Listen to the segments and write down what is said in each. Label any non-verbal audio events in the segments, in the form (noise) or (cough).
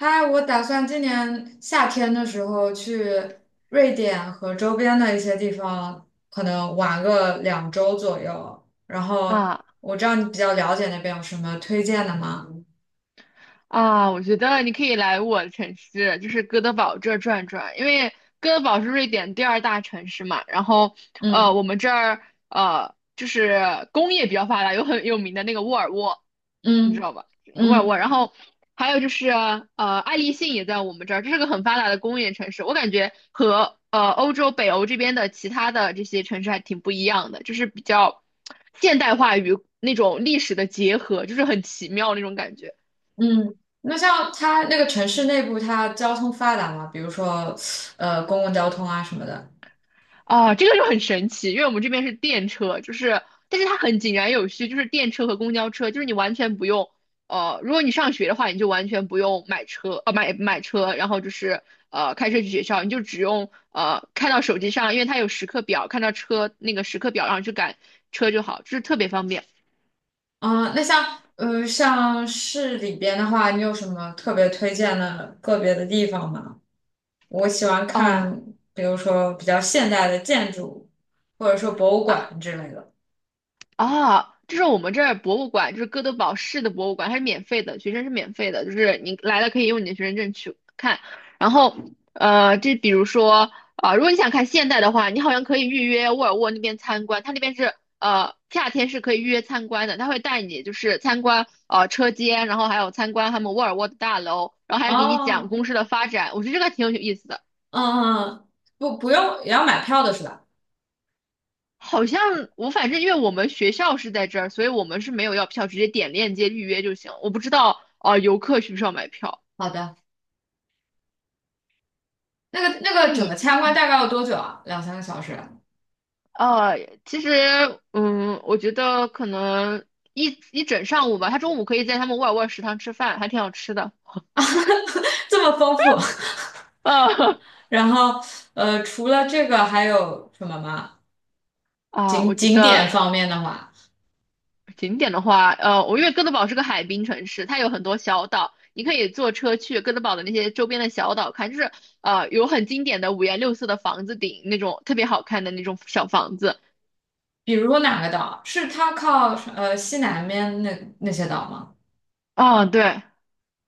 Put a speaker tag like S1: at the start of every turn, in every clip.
S1: 嗨，我打算今年夏天的时候去瑞典和周边的一些地方，可能玩个2周左右。然后
S2: 啊
S1: 我知道你比较了解那边有什么推荐的吗？
S2: 啊，我觉得你可以来我的城市，就是哥德堡这儿转转，因为哥德堡是瑞典第二大城市嘛。然后，
S1: 嗯
S2: 我们这儿就是工业比较发达，有很有名的那个沃尔沃，你知
S1: 嗯
S2: 道吧？沃尔
S1: 嗯
S2: 沃。然后还有就是爱立信也在我们这儿，这是个很发达的工业城市。我感觉和欧洲北欧这边的其他的这些城市还挺不一样的，就是比较现代化与那种历史的结合，就是很奇妙那种感觉。
S1: 嗯。那像它那个城市内部，它交通发达吗？比如说，公共交通啊什么的。
S2: 哦，这个就很神奇，因为我们这边是电车，就是，但是它很井然有序，就是电车和公交车，就是你完全不用，如果你上学的话，你就完全不用买车，买车然后就是开车去学校，你就只用看到手机上，因为它有时刻表，看到车那个时刻表，然后去赶车就好，就是特别方便。
S1: 啊、那像市里边的话，你有什么特别推荐的个别的地方吗？我喜欢
S2: 哦，
S1: 看，比如说比较现代的建筑，或者说博物馆之类的。
S2: 啊，这是我们这儿博物馆，就是哥德堡市的博物馆，它是免费的，学生是免费的，就是你来了可以用你的学生证去看。然后，这比如说，啊、如果你想看现代的话，你好像可以预约沃尔沃那边参观，它那边是夏天是可以预约参观的，他会带你就是参观车间，然后还有参观他们沃尔沃的大楼，然后还给你讲
S1: 哦，
S2: 公司的发展，我觉得这个挺有意思的。
S1: 嗯，嗯，嗯不用，也要买票的是吧？
S2: 好像我反正因为我们学校是在这儿，所以我们是没有要票，直接点链接预约就行。我不知道啊、游客需不需要买票？
S1: 好的。那个那
S2: 那
S1: 个整个
S2: 你
S1: 参观大概要多久啊？两三个小时啊？
S2: 呃，其实我觉得可能一整上午吧，他中午可以在他们沃尔沃食堂吃饭，还挺好吃的。
S1: (laughs) 这么丰富。
S2: 呃
S1: (laughs) 然后除了这个还有什么吗？
S2: (laughs) 啊，我
S1: 景
S2: 觉
S1: 景点
S2: 得
S1: 方面的话，
S2: 景点的话，我因为哥德堡是个海滨城市，它有很多小岛，你可以坐车去哥德堡的那些周边的小岛看，就是有很经典的五颜六色的房子顶那种特别好看的那种小房子。
S1: 比如说哪个岛？是它靠西南面那些岛吗？
S2: 啊，对，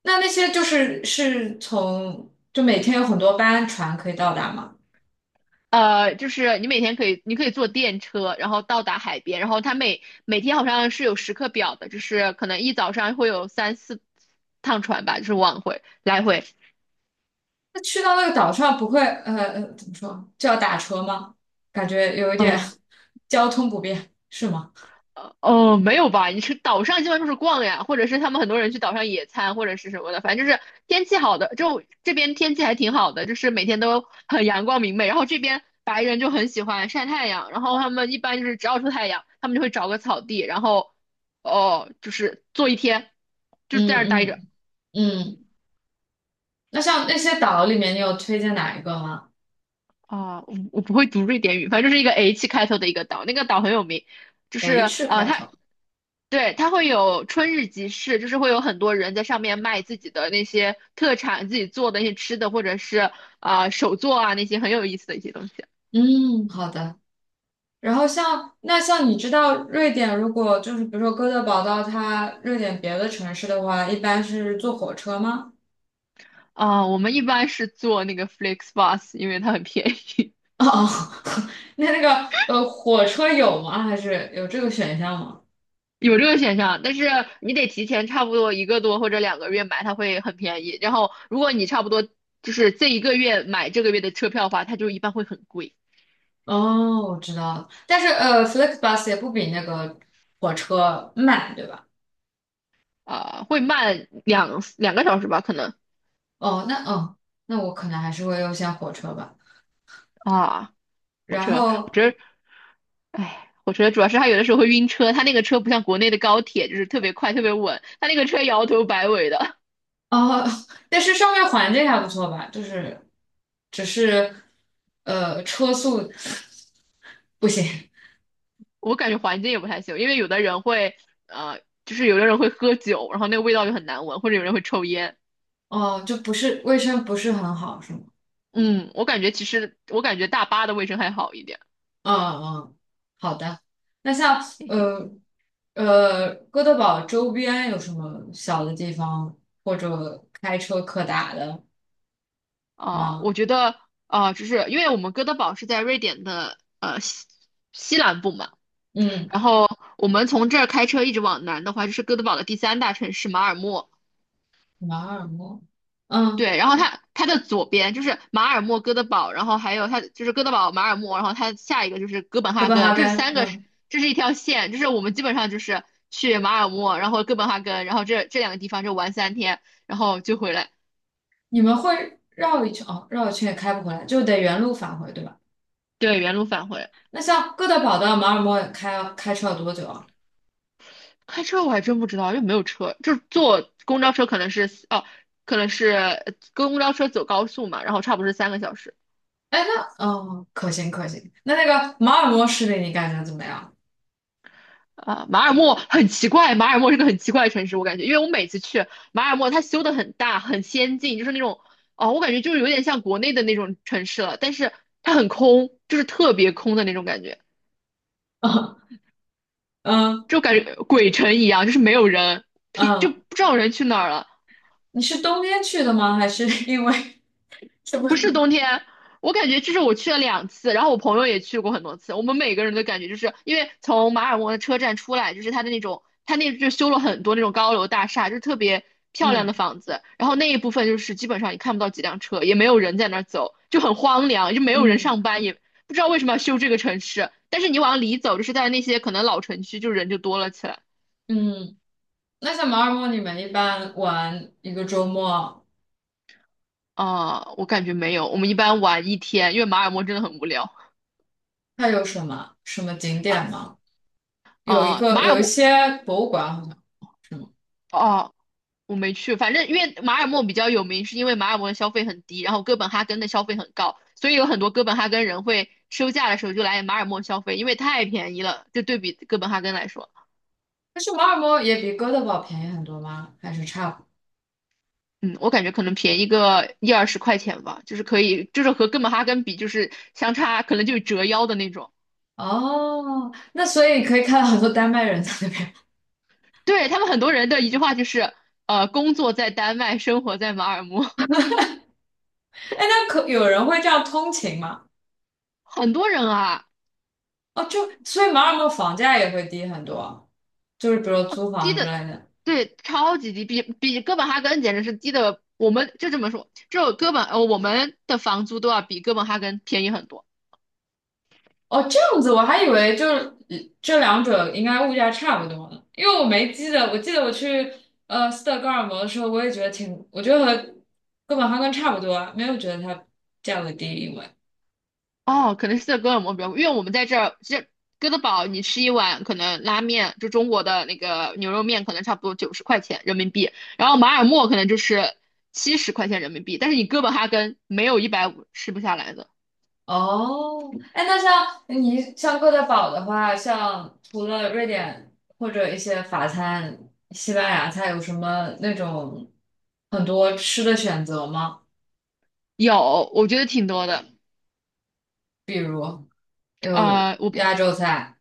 S1: 那那些就是从就每天有很多班船可以到达吗？
S2: 就是你每天可以，你可以坐电车，然后到达海边，然后它每天好像是有时刻表的，就是可能一早上会有三四趟船吧，就是往回来回。
S1: 那去到那个岛上不会怎么说就要打车吗？感觉有一点
S2: 嗯。
S1: (laughs) 交通不便，是吗？
S2: 哦，没有吧？你去岛上基本上就是逛呀，或者是他们很多人去岛上野餐，或者是什么的，反正就是天气好的，就这边天气还挺好的，就是每天都很阳光明媚。然后这边白人就很喜欢晒太阳，然后他们一般就是只要出太阳，他们就会找个草地，然后哦，就是坐一天，就
S1: 嗯
S2: 在那儿待着。
S1: 嗯嗯。那像那些岛里面，你有推荐哪一个吗
S2: 啊、我不会读瑞典语，反正就是一个 H 开头的一个岛，那个岛很有名，就是
S1: ？H 开
S2: 它
S1: 头。
S2: 对，它会有春日集市，就是会有很多人在上面卖自己的那些特产，自己做的一些吃的，或者是啊、手作啊那些很有意思的一些东西。
S1: 嗯，好的。然后那像你知道瑞典，如果就是比如说哥德堡到它瑞典别的城市的话，一般是坐火车吗？
S2: 啊、我们一般是做那个 FlixBus,因为它很便宜，
S1: 哦，(laughs) 哦，那那个火车有吗？还是有这个选项吗？
S2: (laughs) 有这个选项。但是你得提前差不多一个多或者2个月买，它会很便宜。然后如果你差不多就是这一个月买这个月的车票的话，它就一般会很贵，
S1: 哦，我知道了，但是flexbus 也不比那个火车慢，对吧？
S2: 啊、会慢两个小时吧，可能
S1: 哦，那哦，那我可能还是会优先火车吧。
S2: 啊。火
S1: 然
S2: 车，火
S1: 后
S2: 车，哎，我觉得主要是他有的时候会晕车，他那个车不像国内的高铁，就是特别快、特别稳，他那个车摇头摆尾的，
S1: 哦，(laughs) 但是上面环境还不错吧？就是只是车速不行
S2: (laughs) 我感觉环境也不太行，因为有的人会，呃，就是有的人会喝酒，然后那个味道就很难闻，或者有人会抽烟。
S1: 哦，就不是卫生不是很好，是吗？
S2: 嗯，我感觉其实我感觉大巴的卫生还好一点。
S1: 嗯嗯，好的。那像
S2: 嘿嘿，
S1: 呃哥德堡周边有什么小的地方或者开车可打的
S2: 啊、
S1: 吗？
S2: 我觉得啊、就是因为我们哥德堡是在瑞典的西南部嘛，
S1: 嗯，
S2: 然后我们从这儿开车一直往南的话，就是哥德堡的第三大城市马尔默。
S1: 马尔默，嗯，
S2: 对，然后它的左边就是马尔默、哥德堡，然后还有它就是哥德堡、马尔默，然后它下一个就是哥本
S1: 哥
S2: 哈
S1: 本哈
S2: 根，这是
S1: 根，
S2: 三个，
S1: 嗯，
S2: 这是一条线，就是我们基本上就是去马尔默，然后哥本哈根，然后这两个地方就玩3天，然后就回来，
S1: 你们会绕一圈哦，绕一圈也开不回来，就得原路返回，对吧？
S2: 对，原路返回。
S1: 那像哥德堡到马尔默开车要多久啊？
S2: 开车我还真不知道，又没有车，就是坐公交车可能是哦，可能是公交车走高速嘛，然后差不多是3个小时。
S1: 哎，那哦，可行可行。那那个马尔默市里你感觉怎么样？
S2: 啊，马尔默很奇怪，马尔默是个很奇怪的城市，我感觉，因为我每次去马尔默，它修的很大，很先进，就是那种，哦，我感觉就是有点像国内的那种城市了，但是它很空，就是特别空的那种感觉，
S1: (laughs) 嗯嗯
S2: 就感觉鬼城一样，就是没有人，屁就
S1: 嗯。
S2: 不知道人去哪儿了，
S1: 你是冬天去的吗？还是 (laughs) 因为什么？
S2: 不是冬天，我感觉就是我去了2次，然后我朋友也去过很多次。我们每个人的感觉就是，因为从马尔默的车站出来，就是它的那种，它那就修了很多那种高楼大厦，就是特别漂亮的
S1: 嗯
S2: 房子。然后那一部分就是基本上你看不到几辆车，也没有人在那儿走，就很荒凉，就没有人
S1: 嗯
S2: 上班，也不知道为什么要修这个城市。但是你往里走，就是在那些可能老城区，就人就多了起来。
S1: 嗯，那像马尔默，你们一般玩一个周末，
S2: 啊、我感觉没有，我们一般玩一天，因为马尔默真的很无聊。
S1: 它有什么景
S2: 啊
S1: 点吗？有一
S2: 啊，
S1: 个
S2: 马尔
S1: 有一
S2: 默
S1: 些博物馆好像是吗？
S2: 哦、我没去，反正因为马尔默比较有名，是因为马尔默的消费很低，然后哥本哈根的消费很高，所以有很多哥本哈根人会休假的时候就来马尔默消费，因为太便宜了，就对比哥本哈根来说，
S1: 但是马尔默也比哥德堡便宜很多吗？还是差不多
S2: 嗯，我感觉可能便宜个一二十块钱吧，就是可以，就是和哥本哈根比，就是相差可能就折腰的那种。
S1: 哦，那所以可以看到很多丹麦人在那边。
S2: 对，他们很多人的一句话就是，工作在丹麦，生活在马尔默，
S1: 哎，那可有人会这样通勤吗？
S2: (laughs) 很多人啊。
S1: 哦，就所以马尔默房价也会低很多，就是比如租
S2: 低
S1: 房之类
S2: 的，
S1: 的。
S2: 对，超级低，比哥本哈根简直是低的。我们就这么说，就哥本，我们的房租都要比哥本哈根便宜很多。
S1: 哦，这样子，我还以为就是这两者应该物价差不多呢，因为我没记得，我记得我去斯德哥尔摩的时候，我也觉得挺，我觉得和哥本哈根差不多啊，没有觉得它价格低，因为
S2: 哦，可能是在哥本哈根比较贵，因为我们在这儿，这哥德堡你吃一碗可能拉面，就中国的那个牛肉面，可能差不多90块钱人民币，然后马尔默可能就是70块钱人民币，但是你哥本哈根没有150吃不下来的。
S1: 哦，哎，那像哥德堡的话，像除了瑞典或者一些法餐、西班牙菜，有什么那种很多吃的选择吗？
S2: 有，我觉得挺多的。
S1: 比如有
S2: 呃，我朋
S1: 亚洲菜。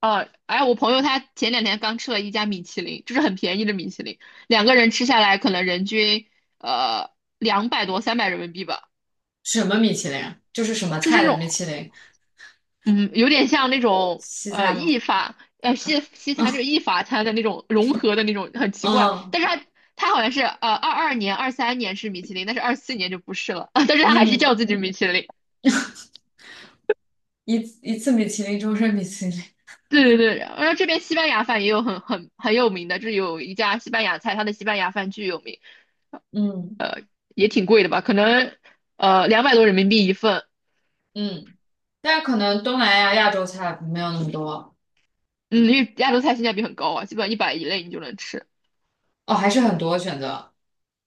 S2: 哦，哎，我朋友他前两天刚吃了一家米其林，就是很便宜的米其林，两个人吃下来可能人均呃两百多三百人民币吧。
S1: 什么米其林？就是什么
S2: 就是那
S1: 菜的
S2: 种
S1: 米其林？
S2: 嗯有点像那种
S1: 西餐吗？
S2: 意法西餐，就
S1: 嗯
S2: 是意法餐的那种融合的那种，很奇怪。
S1: 嗯
S2: 但是他好像是22年23年是米其林，但是24年就不是了。(laughs) 但是他还是
S1: 嗯，
S2: 叫自己米其林。(laughs)
S1: 一一次米其林，终身米其林。
S2: 对对对，然后这边西班牙饭也有很有名的，就是有一家西班牙菜，它的西班牙饭巨有名。
S1: 嗯
S2: 也挺贵的吧？可能两百多人民币一份。
S1: 嗯，但是可能东南亚亚洲菜没有那么多
S2: 嗯，因为亚洲菜性价比很高啊，基本上100以内你就能吃
S1: 哦，还是很多选择。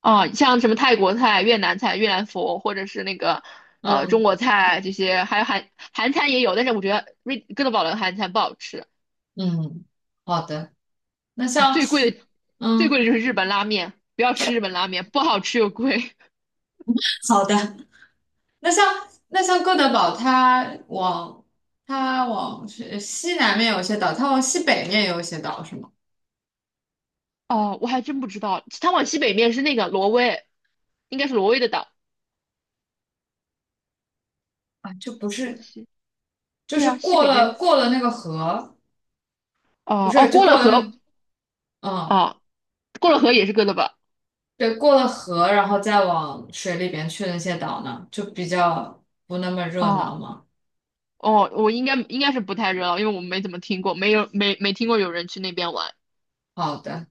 S2: 啊。像什么泰国菜、越南菜、越南粉，或者是那个中
S1: 嗯
S2: 国菜这些，还有韩餐也有，但是我觉得哥德堡的韩餐不好吃
S1: 嗯，好的。那
S2: 哦。
S1: 像
S2: 最贵的最
S1: 嗯
S2: 贵的就是日本拉面，不要吃日本拉面，不好吃又贵。
S1: 好的，那像哥德堡，它往是西南面有一些岛，它往西北面有一些岛，是吗？
S2: (laughs) 哦，我还真不知道，它往西北面是那个挪威，应该是挪威的岛，
S1: 啊，就不
S2: 我
S1: 是，
S2: 西。
S1: 就
S2: 对
S1: 是
S2: 啊，西
S1: 过
S2: 北
S1: 了
S2: 面。
S1: 过了那个河。不
S2: 哦哦，
S1: 是，就
S2: 过
S1: 过
S2: 了
S1: 了
S2: 河，
S1: 那，嗯，
S2: 哦，过了河也是哥德堡。
S1: 对，过了河，然后再往水里边去那些岛呢，就比较不那么热闹
S2: 哦
S1: 嘛。
S2: 哦，我应该是不太热闹，因为我没怎么听过，没听过有人去那边玩。
S1: 好的，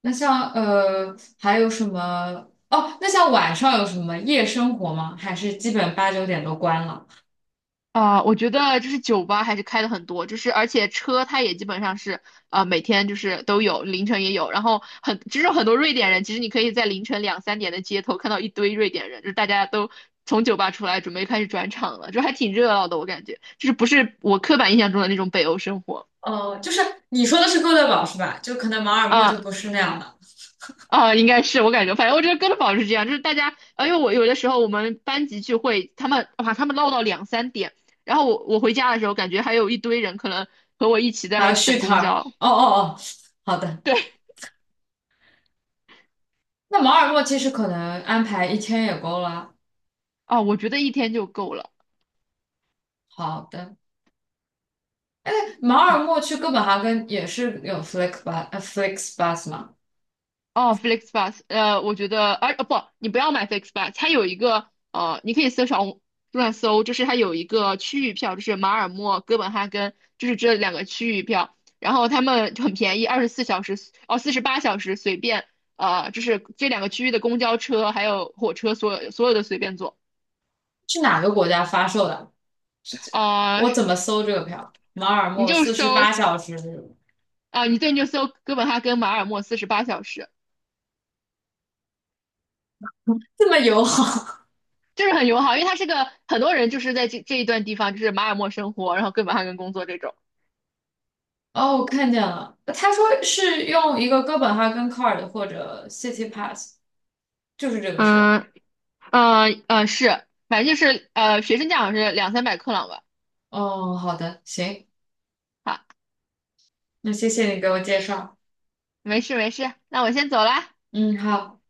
S1: 那像还有什么？哦，那像晚上有什么夜生活吗？还是基本八九点都关了？
S2: 啊、我觉得就是酒吧还是开的很多，就是而且车它也基本上是啊，每天就是都有，凌晨也有，然后就是很多瑞典人，其实你可以在凌晨两三点的街头看到一堆瑞典人，就是大家都从酒吧出来准备开始转场了，就还挺热闹的，我感觉就是不是我刻板印象中的那种北欧生活。
S1: 哦，就是你说的是哥德堡是吧？就可能马尔默就
S2: 啊，
S1: 不是那样的。
S2: 啊，应该是我感觉，反正我觉得哥德堡是这样，就是大家，因为我有的时候我们班级聚会，他们哇，他们唠到两三点，然后我回家的时候，感觉还有一堆人可能和我一起在那
S1: 还
S2: 儿
S1: 有续
S2: 等
S1: 摊
S2: 公
S1: 儿？
S2: 交。
S1: 哦哦哦，好的。
S2: 对，
S1: 那马尔默其实可能安排一天也够了。
S2: 啊，我觉得一天就够了，
S1: 好的。马尔
S2: 妈。
S1: 默去哥本哈根也是有 Flix bus 吗？
S2: 哦，FlixBus，我觉得，哦不，你不要买 FlixBus，它有一个你可以小红书上搜，就是它有一个区域票，就是马尔默、哥本哈根，就是这两个区域票，然后他们就很便宜，24小时哦，四十八小时随便，就是这两个区域的公交车还有火车，所有的随便坐。
S1: 是哪个国家发售的？是这，
S2: 呃，
S1: 我怎么搜这个票？马尔
S2: 你
S1: 默
S2: 就
S1: 四十八
S2: 搜
S1: 小时，
S2: 你对，你就搜哥本哈根、马尔默四十八小时。
S1: 这么友好。
S2: 就是很友好，因为它是个很多人就是在这一段地方，就是马尔默生活，然后哥本哈根工作这种。
S1: 哦，我看见了，他说是用一个哥本哈根 card 或者 City Pass，就是这个是吧？
S2: 嗯嗯嗯，是，反正就是学生价好像是200-300克朗吧。
S1: 哦，好的，行，
S2: 好，
S1: 那谢谢你给我介绍。
S2: 没事没事，那我先走了。
S1: 嗯，好。